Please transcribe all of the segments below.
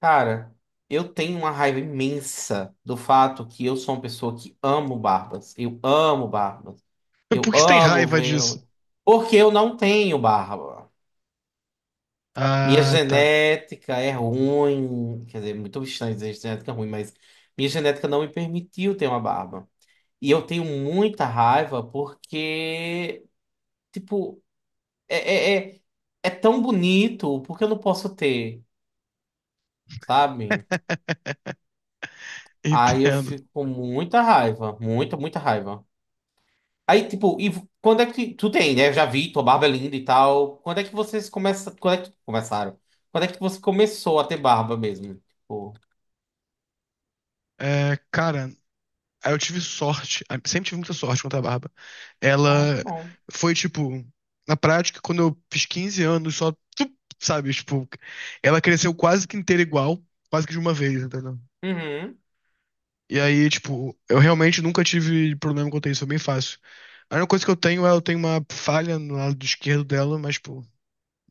Cara, eu tenho uma raiva imensa do fato que eu sou uma pessoa que amo barbas. Eu amo barbas. Eu Por que você tem amo raiva ver. disso? Porque eu não tenho barba. Minha Ah, tá. genética é ruim. Quer dizer, muito estranho dizer genética é ruim, mas minha genética não me permitiu ter uma barba. E eu tenho muita raiva porque, tipo, é, é, é, é tão bonito, porque eu não posso ter, sabe? Aí eu Entendo. fico com muita raiva, muita, muita raiva. Aí, tipo, quando é que tu tem, né? Eu já vi, tua barba é linda e tal. Quando é que vocês começam, quando é que começaram? Quando é que você começou a ter barba mesmo? Tipo, É, cara, aí eu tive sorte. Sempre tive muita sorte com a barba. ah, que Ela bom. foi, tipo, na prática, quando eu fiz 15 anos, só, sabe, tipo, ela cresceu quase que inteira igual, quase que de uma vez, entendeu? Uhum. E aí, tipo, eu realmente nunca tive problema quanto a isso, é bem fácil. A única coisa que eu tenho é eu tenho uma falha no lado esquerdo dela, mas, tipo,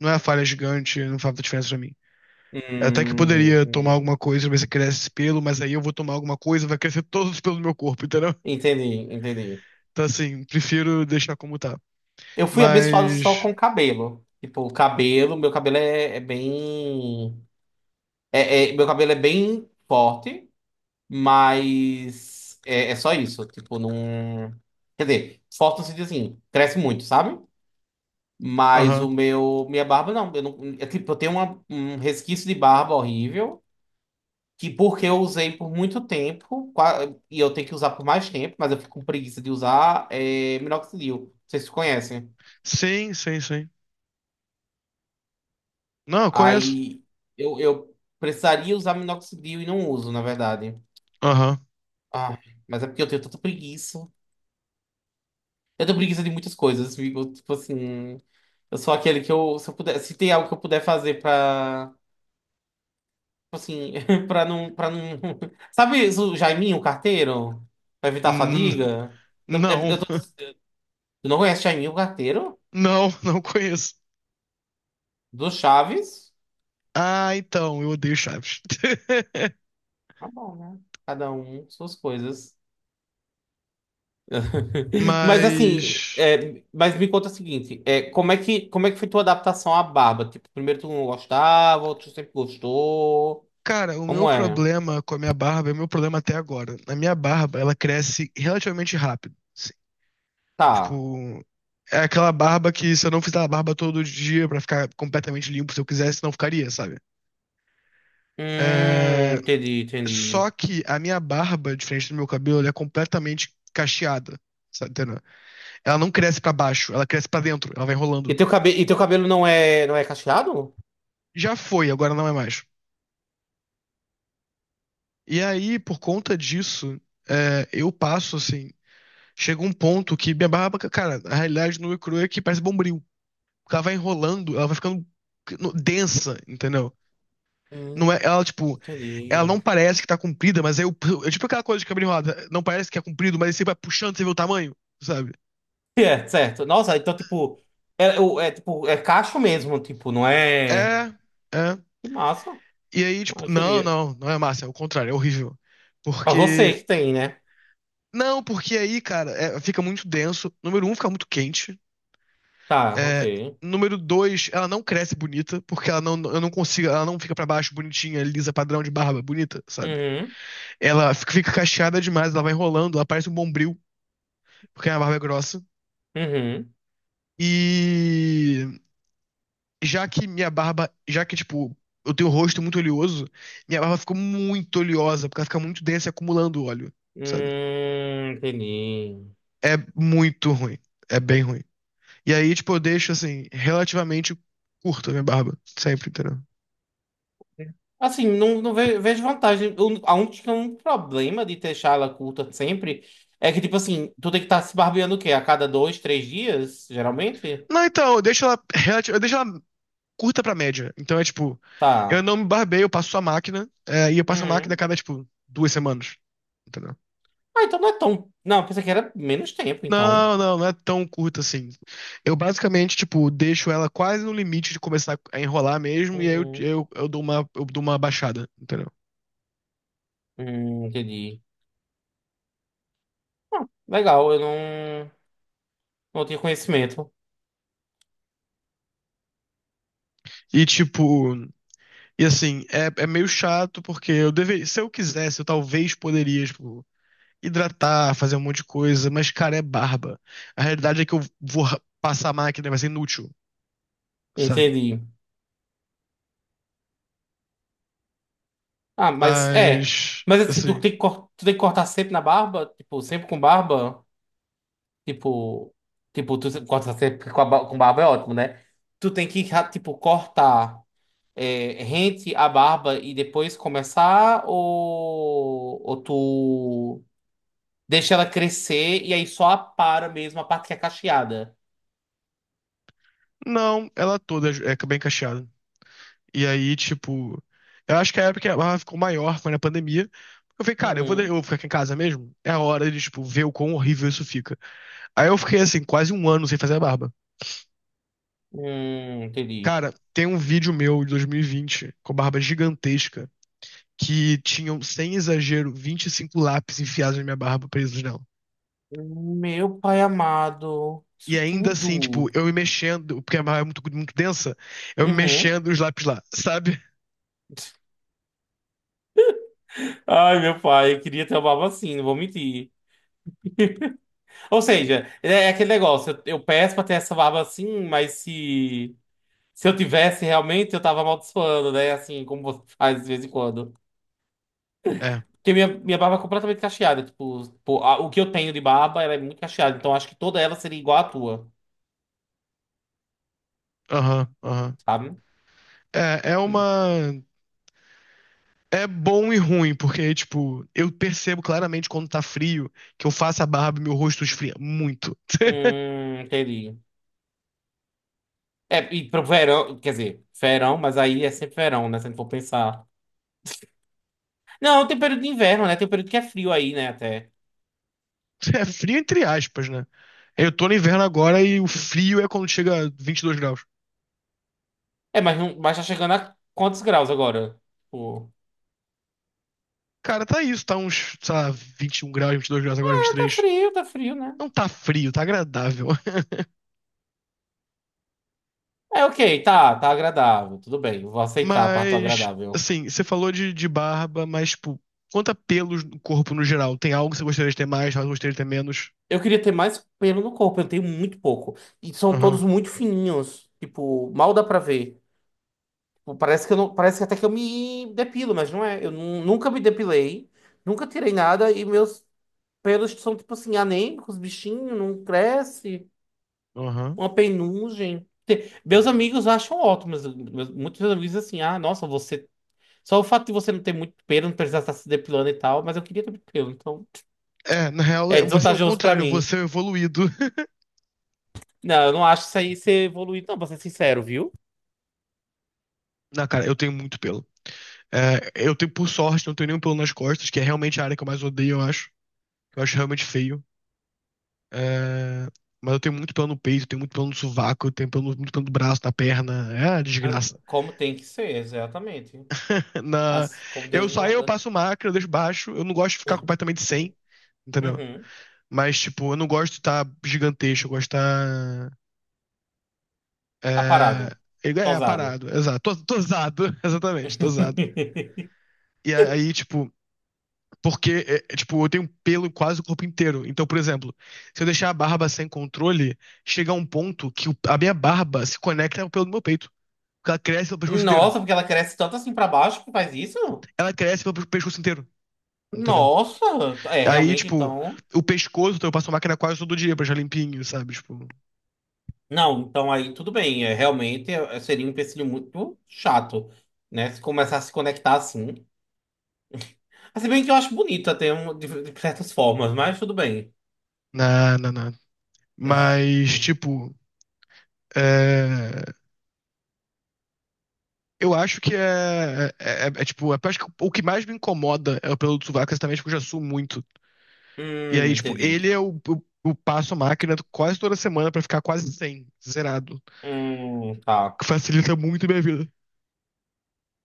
não é a falha gigante, não faz muita diferença pra mim. Até que eu poderia tomar Entendi. alguma coisa, ver se cresce esse pelo, mas aí eu vou tomar alguma coisa, vai crescer todos os pelos do meu corpo, entendeu? Entendi, entendi. Então, assim, prefiro deixar como tá. Eu fui abençoado só Mas. com cabelo. Tipo, o cabelo, meu cabelo é bem, meu cabelo é bem forte. Mas é só isso. Tipo, não. Quer dizer, forte no sentido assim, cresce muito, sabe? Mas o Aham. meu. Minha barba não. Eu não é, tipo, eu tenho um resquício de barba horrível. Que porque eu usei por muito tempo, e eu tenho que usar por mais tempo, mas eu fico com preguiça de usar é, minoxidil. Vocês conhecem? Sim, sim, sim. Não, eu conheço. Aí eu precisaria usar minoxidil e não uso, na verdade. Aham. Ah, mas é porque eu tenho tanta preguiça. Eu tenho preguiça de muitas coisas, fico, tipo assim. Eu sou aquele que eu, se eu puder, se tem algo que eu puder fazer pra, tipo assim, pra não, pra não. Sabe o Jaiminho, o carteiro? Pra evitar a N- fadiga? Eu, é- Não, eu tô- Tu não conhece Jaiminho, o carteiro? não, não conheço. Do Chaves? Ah, então, eu odeio Chaves. Tá bom, né? Cada um suas coisas. Mas assim, Mas. é, mas me conta o seguinte, é, como é que foi tua adaptação à barba? Tipo, primeiro tu não gostava, outro sempre gostou. Cara, o meu Como é? problema com a minha barba é o meu problema até agora. A minha barba, ela cresce relativamente rápido, assim. Tá. Tipo, é aquela barba que se eu não fizer a barba todo dia pra ficar completamente limpo, se eu quisesse, não ficaria, sabe? É, Entendi, só entendi. que a minha barba, diferente do meu cabelo, ela é completamente cacheada, sabe? Entendeu? Ela não cresce pra baixo, ela cresce pra dentro, ela vai E enrolando. teu cabelo, e teu cabelo não é, não é cacheado? Já foi, agora não é mais. E aí, por conta disso, eu passo assim. Chega um ponto que minha barba, cara, a realidade nua e crua é que parece bombril. Ela vai enrolando, ela vai ficando densa, entendeu? Não Hum, é, ela, tipo, ela entendi. não parece que tá comprida, mas aí eu, é tipo aquela coisa de cabelo enrolado. Não parece que é comprido, mas aí você vai puxando, você vê o tamanho, sabe? É, certo. Nossa, então, tipo, tipo, é cacho mesmo, tipo, não é. É, é. Que massa. E aí, Ah, tipo, eu não, queria. não, não é massa, é o contrário, é horrível. Pra você Porque. que tem, né? Não, porque aí, cara, fica muito denso. Número um, fica muito quente. Tá, ok. É, número dois, ela não cresce bonita, porque ela não, eu não consigo, ela não fica pra baixo bonitinha, lisa, padrão de barba, bonita, sabe? Uhum, Ela fica, cacheada demais, ela vai enrolando, ela parece um bombril, porque a barba é grossa. uhum. E já que minha barba, já que, tipo, eu tenho o rosto muito oleoso, minha barba ficou muito oleosa, porque ela fica muito densa e acumulando óleo, sabe? Entendi. É muito ruim. É bem ruim. E aí, tipo, eu deixo, assim, relativamente curta a minha barba. Sempre, entendeu? Assim, não, vejo vantagem. A única um problema de deixar ela curta sempre é que, tipo assim, tu tem que estar se barbeando o quê? A cada dois, três dias, geralmente? Não, então, eu deixo ela curta pra média. Então é tipo, eu Tá. não me barbeio, eu passo a máquina, e eu passo a máquina a Uhum. cada, tipo, 2 semanas. Entendeu? Ah, então não é tão. Não, pensei que era menos tempo, então. Não, não, não é tão curta assim. Eu basicamente, tipo, deixo ela quase no limite de começar a enrolar mesmo, e aí eu, Uhum. eu, eu dou uma, eu dou uma baixada, entendeu? Entendi. Legal, eu não, não tinha conhecimento. E tipo, e assim, é meio chato porque eu deveria, se eu quisesse, eu talvez poderia, tipo, hidratar, fazer um monte de coisa, mas, cara, é barba. A realidade é que eu vou passar a máquina, vai ser inútil, sabe? Entendi. Ah, mas é. Mas, Mas assim, assim, tu tem que cortar sempre na barba? Tipo, sempre com barba? Tipo. Tipo, tu corta sempre com, com barba é ótimo, né? Tu tem que, ra- Tipo, cortar é, rente a barba e depois começar? Ou tu deixa ela crescer e aí só apara mesmo a parte que é cacheada? não, ela toda é bem cacheada. E aí, tipo, eu acho que a época que ela ficou maior foi na pandemia. Eu falei, cara, eu vou, de- Uhum. eu vou ficar aqui em casa mesmo. É a hora de, tipo, ver o quão horrível isso fica. Aí eu fiquei, assim, quase um ano sem fazer a barba. Entendi. Cara, tem um vídeo meu de 2020 com barba gigantesca que tinham, sem exagero, 25 lápis enfiados na minha barba, presos nela. Meu pai amado. E Isso ainda assim, tipo, tudo. eu me mexendo, porque a barba é muito, muito densa, eu me Uhum. mexendo e os lápis lá, sabe? Ai, meu pai, eu queria ter uma barba assim, não vou mentir. Ou seja, é é aquele negócio, eu peço pra ter essa barba assim, mas se eu tivesse realmente, eu tava amaldiçoando, né? Assim, como você faz de vez em quando. É, Porque minha barba é completamente cacheada, tipo, pô, o que eu tenho de barba, ela é muito cacheada, então acho que toda ela seria igual à tua, aham, aham. sabe? É, é Hum, uma. É bom e ruim, porque, tipo, eu percebo claramente quando tá frio que eu faço a barba e meu rosto esfria muito. Entendi. É, e pro verão, quer dizer, verão, mas aí é sempre verão, né? Se a gente for pensar. Não, tem período de inverno, né? Tem um período que é frio aí, né? Até. É frio entre aspas, né? Eu tô no inverno agora e o frio é quando chega a 22 graus. É, mas, não, mas tá chegando a quantos graus agora? Tipo, Cara, tá isso, tá uns, sei lá, 21 graus, 22 graus agora, é, 23. Tá frio, né? Não tá frio, tá agradável. É, ok, tá, tá agradável, tudo bem, eu vou aceitar a parte do Mas, agradável. assim, você falou de barba, mas, tipo, quanto a pelos no corpo no geral? Tem algo que você gostaria de ter mais, algo que você gostaria de ter menos? Eu queria ter mais pelo no corpo, eu tenho muito pouco. E são todos Aham, muito fininhos, tipo, mal dá pra ver. Tipo, parece que eu não, parece que até que eu me depilo, mas não é. Nunca me depilei, nunca tirei nada e meus pelos que são, tipo assim, anêmicos, bichinho, não cresce, aham. uma penugem. Meus amigos acham ótimo, mas muitos meus amigos dizem assim, ah, nossa, você. Só o fato de você não ter muito pelo, não precisar estar se depilando e tal, mas eu queria ter muito pelo, então É, na real, é você é o desvantajoso pra contrário, mim. você é o evoluído. Não, eu não acho isso aí ser evoluído, não, pra ser sincero, viu? Na cara, eu tenho muito pelo. É, eu tenho, por sorte, não tenho nenhum pelo nas costas, que é realmente a área que eu mais odeio, eu acho. Eu acho realmente feio. É, mas eu tenho muito pelo no peito, tenho muito pelo no sovaco, eu tenho pelo, muito pelo no braço, na perna. É uma Ah, desgraça. como tem que ser, exatamente. Na, Como Deus eu só eu manda. passo máquina, eu deixo baixo. Eu não gosto de ficar completamente sem, entendeu? Uhum. Mas, tipo, eu não gosto de estar gigantesco, eu gosto de estar. É, Aparado. é, Tosado. aparado, exato. Tô usado, exatamente, tô usado. E aí, tipo, porque, tipo, eu tenho pelo quase o corpo inteiro. Então, por exemplo, se eu deixar a barba sem controle, chega a um ponto que a minha barba se conecta ao pelo do meu peito. Porque ela cresce pelo pescoço inteiro. Nossa, porque ela cresce tanto assim pra baixo que faz isso? Ela cresce pelo pescoço inteiro, entendeu? Nossa, é Aí, realmente tipo, então. o pescoço, então eu passo máquina quase todo dia pra deixar limpinho, sabe? Tipo, Não, então aí tudo bem. É, seria um empecilho muito chato, né? Se começar a se conectar assim. Mas se bem que eu acho bonito até de certas formas, mas tudo bem. na, na, na. Mas, tipo, é, eu acho que tipo, acho que o que mais me incomoda é o pelo do sovaco, exatamente porque eu já suo muito. E aí, tipo, Entendi. ele é o passo máquina quase toda semana pra ficar quase 100, zerado. Tá. Que facilita muito a minha vida.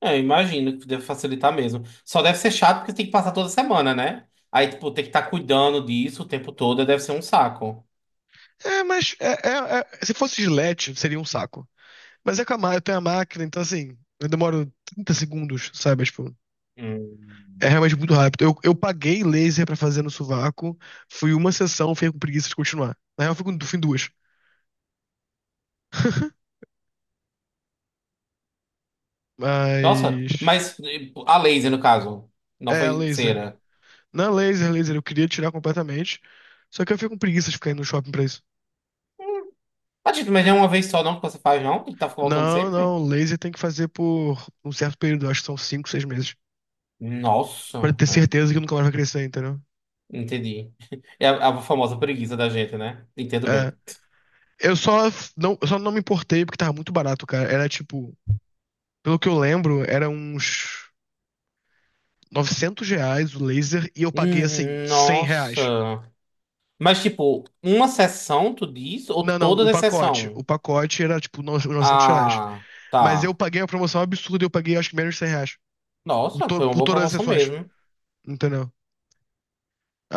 É, imagino que deve facilitar mesmo. Só deve ser chato porque tem que passar toda semana, né? Aí, tipo, tem que estar cuidando disso o tempo todo, deve ser um saco. É, mas se fosse Gillette, seria um saco. Mas é com a máquina, eu tenho a máquina, então assim, eu demoro 30 segundos, sabe? Tipo, é Hum. realmente muito rápido. Eu paguei laser pra fazer no sovaco, fui uma sessão, fiquei com preguiça de continuar. Na real, eu fui em duas. Nossa, Mas. mas a laser, no caso, não É, foi laser. cera. Não é laser, laser, eu queria tirar completamente. Só que eu fico com preguiça de ficar indo no shopping pra isso. Ah, Tito, mas é uma vez só não que você faz, não? Que tá voltando Não, sempre? não, laser tem que fazer por um certo período, acho que são 5, 6 meses, Nossa, pra ter é. certeza que nunca mais vai crescer, entendeu? Entendi. É a famosa preguiça da gente, né? Entendo É, bem. Não, eu só não me importei porque tava muito barato, cara. Era tipo, pelo que eu lembro, era uns R$ 900 o laser e eu paguei assim R$ 100. Nossa. Mas, tipo, uma sessão, tu diz? Ou Não, não, todas o as pacote, sessões? o pacote era tipo R$ 900, Ah, mas eu tá. paguei a promoção absurda, e eu paguei acho que menos de R$ 100 por, Nossa, to- foi uma por boa todas as promoção sessões, mesmo. entendeu?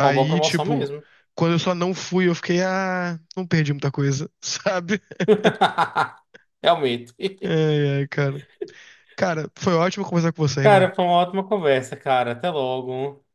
Foi uma boa promoção tipo, mesmo. quando eu só não fui, eu fiquei, não perdi muita coisa, sabe? Realmente. Ai, ai, cara. Cara, foi ótimo conversar com você, irmão. Cara, foi uma ótima conversa, cara. Até logo.